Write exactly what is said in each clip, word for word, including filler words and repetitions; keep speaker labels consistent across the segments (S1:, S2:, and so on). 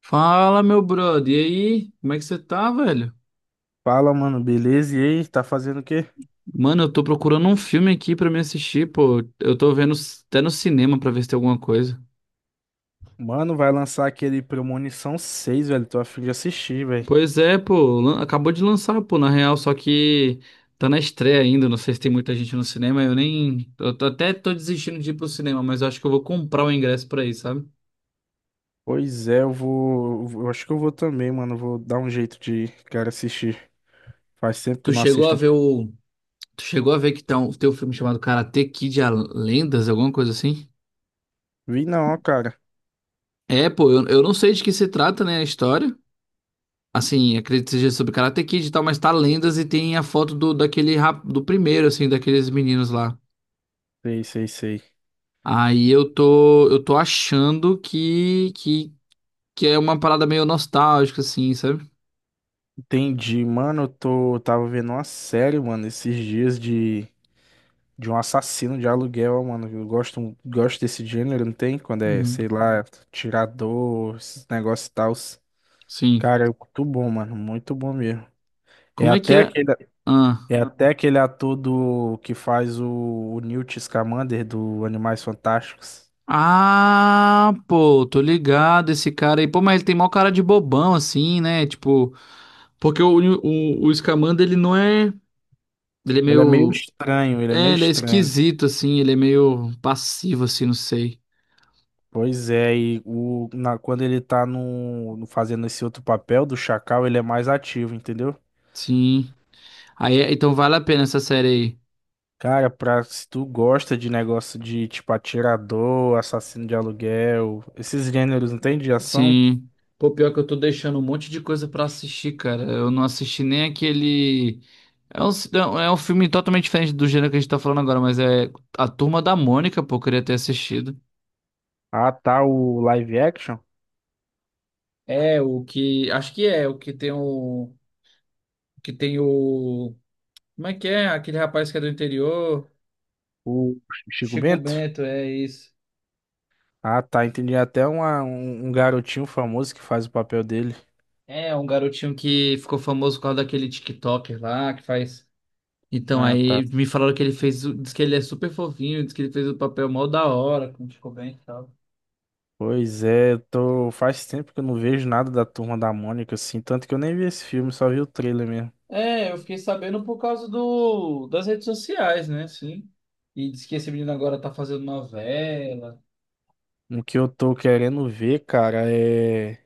S1: Fala, meu brother. E aí? Como é que você tá, velho?
S2: Fala, mano, beleza? E aí, tá fazendo o quê?
S1: Mano, eu tô procurando um filme aqui pra me assistir, pô. Eu tô vendo s- até no cinema pra ver se tem alguma coisa.
S2: Mano, vai lançar aquele Premonição seis velho. Tô a fim de assistir, velho.
S1: Pois é, pô. lan- Acabou de lançar, pô, na real, só que tá na estreia ainda. Não sei se tem muita gente no cinema. Eu nem. Eu tô- até tô desistindo de ir pro cinema, mas eu acho que eu vou comprar o ingresso pra ir, sabe?
S2: Pois é, eu vou. Eu acho que eu vou também, mano. Vou dar um jeito de, cara, assistir. Faz tempo que
S1: Tu
S2: eu não
S1: chegou a
S2: assisto um
S1: ver
S2: filme.
S1: o. Tu chegou a ver que tá um... tem um filme chamado Karate Kid, a Lendas, alguma coisa assim?
S2: Vi não, ó, cara.
S1: É, pô, eu, eu não sei de que se trata, né, a história. Assim, acredito que seja sobre Karate Kid e tal, mas tá lendas e tem a foto do, daquele rap- do primeiro, assim, daqueles meninos lá.
S2: Sei, sei, sei.
S1: Aí eu tô, eu tô achando que, que, que é uma parada meio nostálgica, assim, sabe?
S2: Entendi, mano. Eu tô. Eu tava vendo uma série, mano, esses dias de. De um assassino de aluguel, ó, mano. Eu gosto, gosto desse gênero, não tem? Quando é,
S1: Uhum.
S2: sei lá, tirador, esses negócios e tal.
S1: Sim.
S2: Cara, é muito bom, mano. Muito bom mesmo. É
S1: Como é que
S2: até
S1: é?
S2: aquele,
S1: Ah.
S2: é até aquele ator do, que faz o, o Newt Scamander do Animais Fantásticos.
S1: Ah, pô, tô ligado esse cara aí. Pô, mas ele tem mó cara de bobão, assim, né? Tipo, porque o, o, o Scamander, ele não é. Ele é
S2: Ele é meio
S1: meio.
S2: estranho, ele é meio
S1: É, ele é
S2: estranho.
S1: esquisito, assim, ele é meio passivo, assim, não sei.
S2: Pois é, e o, na, quando ele tá no, no- fazendo esse outro papel do Chacal, ele é mais ativo, entendeu?
S1: Sim. Aí, então vale a pena essa série aí.
S2: Cara, pra, se tu gosta de negócio de tipo atirador, assassino de aluguel, esses gêneros, não tem de ação?
S1: Sim. Pô, pior que eu tô deixando um monte de coisa pra assistir, cara. Eu não assisti nem aquele. É um, ci- não, é um filme totalmente diferente do gênero que a gente tá falando agora, mas é A Turma da Mônica, pô, eu queria ter assistido.
S2: Ah, tá, o live action,
S1: É o que. Acho que é, o que tem o. Que tem o. Como é que é? Aquele rapaz que é do interior.
S2: o Chico
S1: Chico
S2: Bento.
S1: Bento, é isso.
S2: Ah, tá. Entendi. Até uma- um, um garotinho famoso que faz o papel dele.
S1: É, um garotinho que ficou famoso por causa daquele TikToker lá, que faz. Então,
S2: Ah, tá.
S1: aí me falaram que ele fez, o- diz que ele é super fofinho, diz que ele fez o papel mó da hora, como ficou bem e tal.
S2: Pois é, eu tô, faz tempo que eu não vejo nada da Turma da Mônica, assim. Tanto que eu nem vi esse filme, só vi o trailer mesmo.
S1: É, eu fiquei sabendo por causa do, das redes sociais, né? Assim. E diz que esse menino agora tá fazendo novela.
S2: O que eu tô querendo ver, cara, é.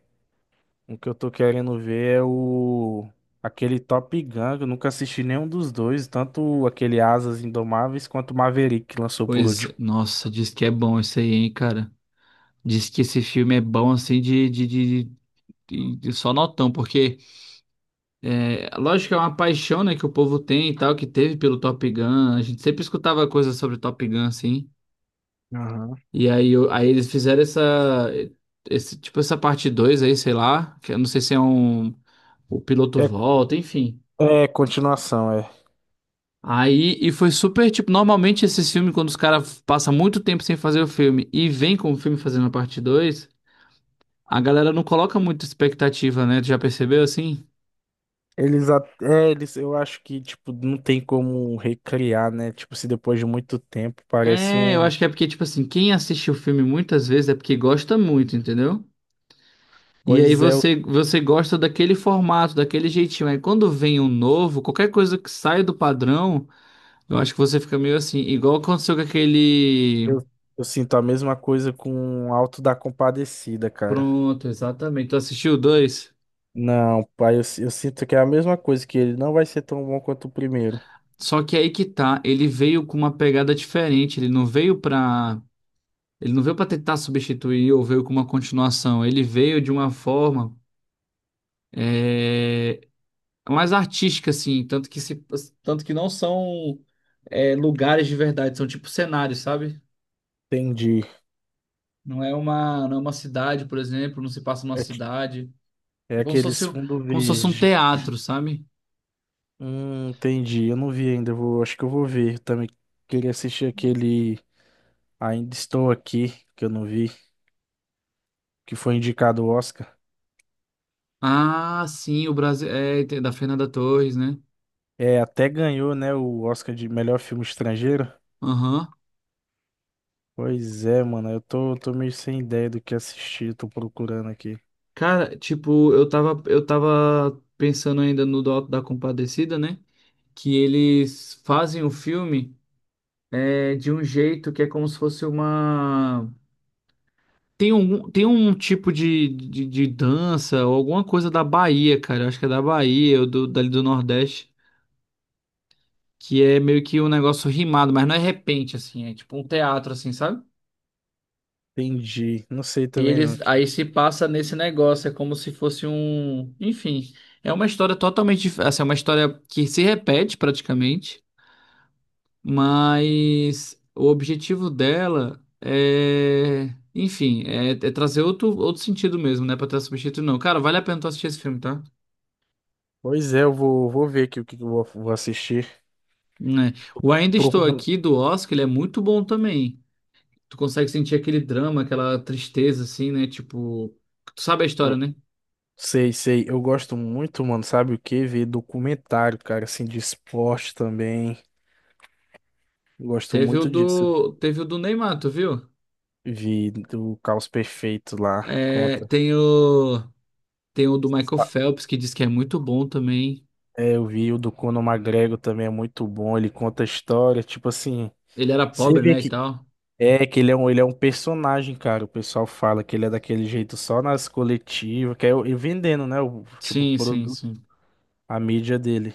S2: O que eu tô querendo ver é o. Aquele Top Gun, que eu nunca assisti nenhum dos dois, tanto aquele Asas Indomáveis quanto o Maverick que lançou por
S1: Pois,
S2: último.
S1: nossa, diz que é bom isso aí, hein, cara. Diz que esse filme é bom assim de, de, de, de- de só notão, porque é, lógico que é uma paixão, né, que o povo tem e tal, que teve pelo Top Gun. A gente sempre escutava coisas sobre Top Gun, assim.
S2: Aham.
S1: E aí, eu- aí eles fizeram essa, esse, tipo essa parte dois aí, sei lá, que eu não sei se é um, o piloto
S2: É,
S1: volta, enfim.
S2: é continuação, é.
S1: Aí, e foi super, tipo, normalmente esses filmes, quando os caras passam muito tempo sem fazer o filme e vem com o filme fazendo a parte dois, a galera não coloca muita expectativa, né? Tu já percebeu assim?
S2: Eles, a- é, eles, eu acho que, tipo, não tem como recriar, né? Tipo, se depois de muito tempo parece
S1: É, eu
S2: um.
S1: acho que é porque, tipo assim, quem assiste o filme muitas vezes é porque gosta muito, entendeu? E aí
S2: Pois é, eu,
S1: você, você gosta daquele formato, daquele jeitinho. Aí quando vem um novo, qualquer coisa que sai do padrão, eu acho que você fica meio assim, igual aconteceu com aquele.
S2: eu, eu sinto a mesma coisa com o alto da Compadecida, cara.
S1: Pronto, exatamente. Tu assistiu o dois?
S2: Não, pai, eu, si- eu sinto que é a mesma coisa, que ele não vai ser tão bom quanto o primeiro.
S1: Só que aí que tá, ele veio com uma pegada diferente, ele não veio pra. Ele não veio pra tentar substituir ou veio com uma continuação. Ele veio de uma forma é, mais artística, assim, tanto que se, tanto que não são é, lugares de verdade, são tipo cenários, sabe?
S2: Entendi.
S1: Não é uma, não é uma cidade, por exemplo, não se passa numa
S2: É, que-
S1: cidade.
S2: é
S1: É como se fosse,
S2: aqueles
S1: um-
S2: fundo
S1: Como se fosse um
S2: verde.
S1: teatro, sabe?
S2: Hum, entendi. Eu não vi ainda, eu vou, acho que eu vou ver. Eu também queria assistir aquele Ainda Estou Aqui, que eu não vi, que foi indicado ao Oscar.
S1: Ah, sim, o Brasil. É, tem- da Fernanda Torres, né?
S2: É, até ganhou, né, o Oscar de melhor filme estrangeiro.
S1: Aham.
S2: Pois é, mano, eu tô, tô meio sem ideia do que assistir, tô procurando aqui.
S1: Cara, tipo, eu tava, eu tava pensando ainda no do Alto da Compadecida, né? Que eles fazem o filme, é, de um jeito que é como se fosse uma. Tem um, tem um tipo de, de, de dança ou alguma coisa da Bahia, cara. Eu acho que é da Bahia ou do, dali do Nordeste, que é meio que um negócio rimado, mas não é repente, assim, é tipo um teatro, assim, sabe?
S2: Entendi, não sei
S1: E
S2: também não o
S1: eles
S2: que é.
S1: aí se passa nesse negócio, é como se fosse um. Enfim, é uma história totalmente. dif- Assim, é uma história que se repete praticamente, mas o objetivo dela é. Enfim, é, é trazer outro, outro sentido mesmo, né? Pra ter substituto, não. Cara, vale a pena tu assistir esse filme, tá?
S2: Pois é, eu vou, vou ver aqui o que que eu vou, vou assistir.
S1: Né? O
S2: Tô
S1: Ainda Estou
S2: procurando.
S1: Aqui do Oscar, ele é muito bom também. Tu consegue sentir aquele drama, aquela tristeza, assim, né? Tipo, tu sabe a história,
S2: Eu-
S1: né?
S2: Sei, sei, eu gosto muito, mano, sabe o que? Ver documentário, cara, assim, de esporte também. Gosto
S1: Teve o
S2: muito disso.
S1: do, teve o do Neymar, tu viu?
S2: Vi do Caos Perfeito lá,
S1: É,
S2: conta.
S1: tem o, tem o do Michael Phelps, que diz que é muito bom também.
S2: É, eu vi o do Conor McGregor também, é muito bom, ele conta a história, tipo assim.
S1: Ele era
S2: Você
S1: pobre,
S2: vê
S1: né, e
S2: que
S1: tal.
S2: é que ele é um, ele é um personagem, cara. O pessoal fala que ele é daquele jeito só nas coletivas, que é o- e vendendo, né? O tipo
S1: Sim, sim,
S2: produto,
S1: sim.
S2: a mídia dele.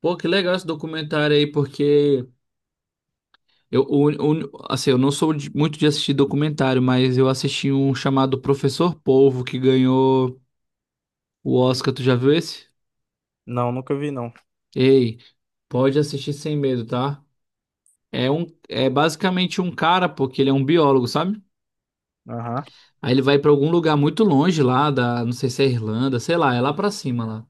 S1: Pô, que legal esse documentário aí, porque eu, o, o- assim, eu não sou de- muito de assistir documentário, mas eu assisti um chamado Professor Polvo, que ganhou o Oscar, tu já viu esse?
S2: Não, nunca vi não.
S1: Ei, pode assistir sem medo, tá? É um, é basicamente um cara, porque ele é um biólogo, sabe?
S2: Aham.
S1: Aí ele vai pra algum lugar muito longe lá da, não sei se é Irlanda, sei lá, é lá pra cima lá.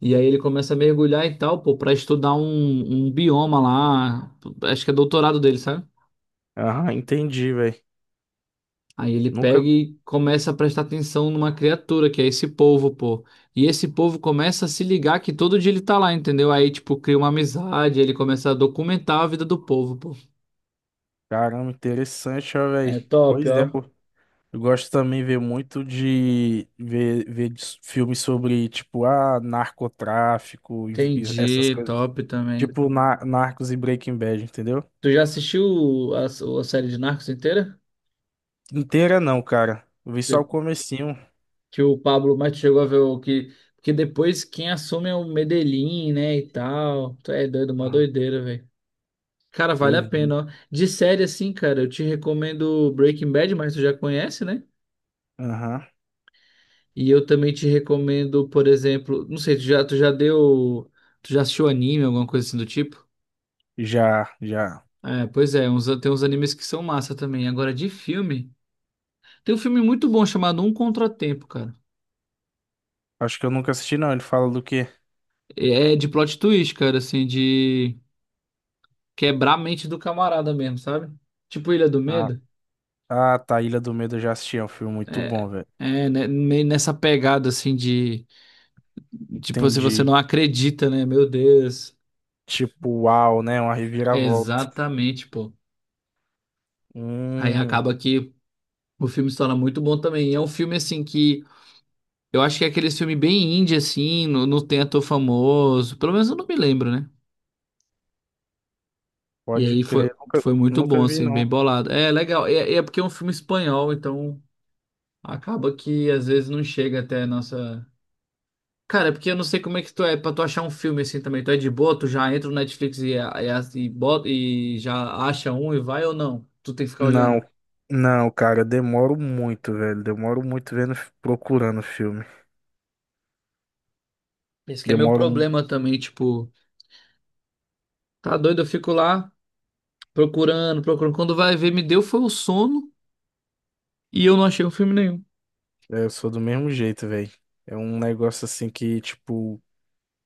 S1: E aí ele começa a mergulhar e tal, pô, pra estudar um, um bioma lá, acho que é doutorado dele, sabe?
S2: Aham, entendi, velho.
S1: Aí ele
S2: Nunca.
S1: pega e começa a prestar atenção numa criatura, que é esse povo, pô. E esse povo começa a se ligar que todo dia ele tá lá, entendeu? Aí, tipo, cria uma amizade, ele começa a documentar a vida do povo, pô.
S2: Caramba, interessante, ó,
S1: É
S2: velho.
S1: top,
S2: Pois é,
S1: ó.
S2: eu, eu gosto também de ver muito de ver, ver de filmes sobre, tipo, ah, narcotráfico e, e essas
S1: Entendi,
S2: coisas.
S1: top também.
S2: Tipo, na, Narcos e Breaking Bad, entendeu?
S1: Tu já assistiu a, a série de Narcos inteira?
S2: Inteira não, cara. Eu vi só
S1: De-
S2: o comecinho.
S1: que o Pablo Mate chegou a ver o que. Porque depois quem assume é o Medellín, né? E tal. Tu é doido, uma doideira, velho. Cara, vale
S2: Eu
S1: a
S2: vi.
S1: pena, ó. De série, assim, cara, eu te recomendo Breaking Bad, mas tu já conhece, né?
S2: Aham.
S1: E eu também te recomendo, por exemplo, não sei, tu já, tu já deu. Tu já assistiu anime, alguma coisa assim do tipo?
S2: Já, já.
S1: É, pois é, uns, tem uns animes que são massa também. Agora, de filme. Tem um filme muito bom chamado Um Contratempo, cara.
S2: Acho que eu nunca assisti, não. Ele fala do quê?
S1: É de plot twist, cara, assim, de quebrar a mente do camarada mesmo, sabe? Tipo Ilha do
S2: Ah,
S1: Medo.
S2: ah, tá. Ilha do Medo eu já assisti. É um filme muito
S1: É,
S2: bom, velho.
S1: é né, meio nessa pegada, assim, de. Tipo, se você
S2: Entendi.
S1: não acredita, né? Meu Deus.
S2: Tipo, uau, né? Uma reviravolta.
S1: Exatamente, pô. Aí
S2: Hum,
S1: acaba que o filme se torna muito bom também. E é um filme, assim, que eu acho que é aquele filme bem indie, assim, não, não tem ator famoso. Pelo menos eu não me lembro, né? E
S2: pode
S1: aí foi,
S2: crer. Nunca,
S1: foi muito bom,
S2: nunca vi,
S1: assim, bem
S2: não.
S1: bolado. É legal. É, é porque é um filme espanhol, então. Acaba que às vezes não chega até a nossa. Cara, é porque eu não sei como é que tu é pra tu achar um filme assim também. Tu é de boa, tu já entra no Netflix e, e, e, bota, e já acha um e vai ou não? Tu tem que ficar olhando.
S2: Não. Não, cara. Eu demoro muito, velho. Demoro muito vendo, procurando filme.
S1: Esse que é meu
S2: Demoro muito.
S1: problema também, tipo, tá doido, eu fico lá procurando, procurando. Quando vai ver, me deu foi o sono e eu não achei um filme nenhum.
S2: É, eu sou do mesmo jeito, velho. É um negócio assim que, tipo,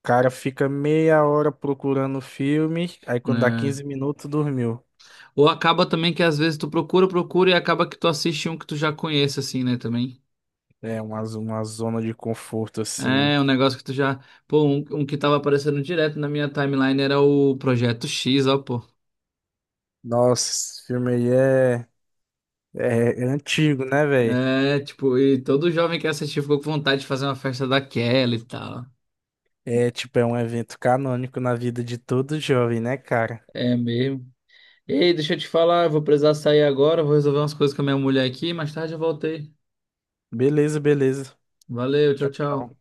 S2: cara fica meia hora procurando o filme, aí quando dá
S1: Né?
S2: quinze minutos, dormiu.
S1: Ou acaba também que às vezes tu procura, procura e acaba que tu assiste um que tu já conhece, assim, né, também.
S2: É uma, zo- uma zona de conforto, assim.
S1: É, um negócio que tu já. Pô, um, um que tava aparecendo direto na minha timeline era o Projeto xis, ó, pô.
S2: Nossa, esse filme aí é, é, é antigo, né, velho?
S1: É, tipo, e todo jovem que assistiu ficou com vontade de fazer uma festa daquela e tal.
S2: É tipo, é um evento canônico na vida de todo jovem, né, cara?
S1: É mesmo. Ei, deixa eu te falar, eu vou precisar sair agora, vou resolver umas coisas com a minha mulher aqui, mais tarde eu voltei.
S2: Beleza, beleza.
S1: Valeu,
S2: Tchau,
S1: tchau, tchau.
S2: tchau.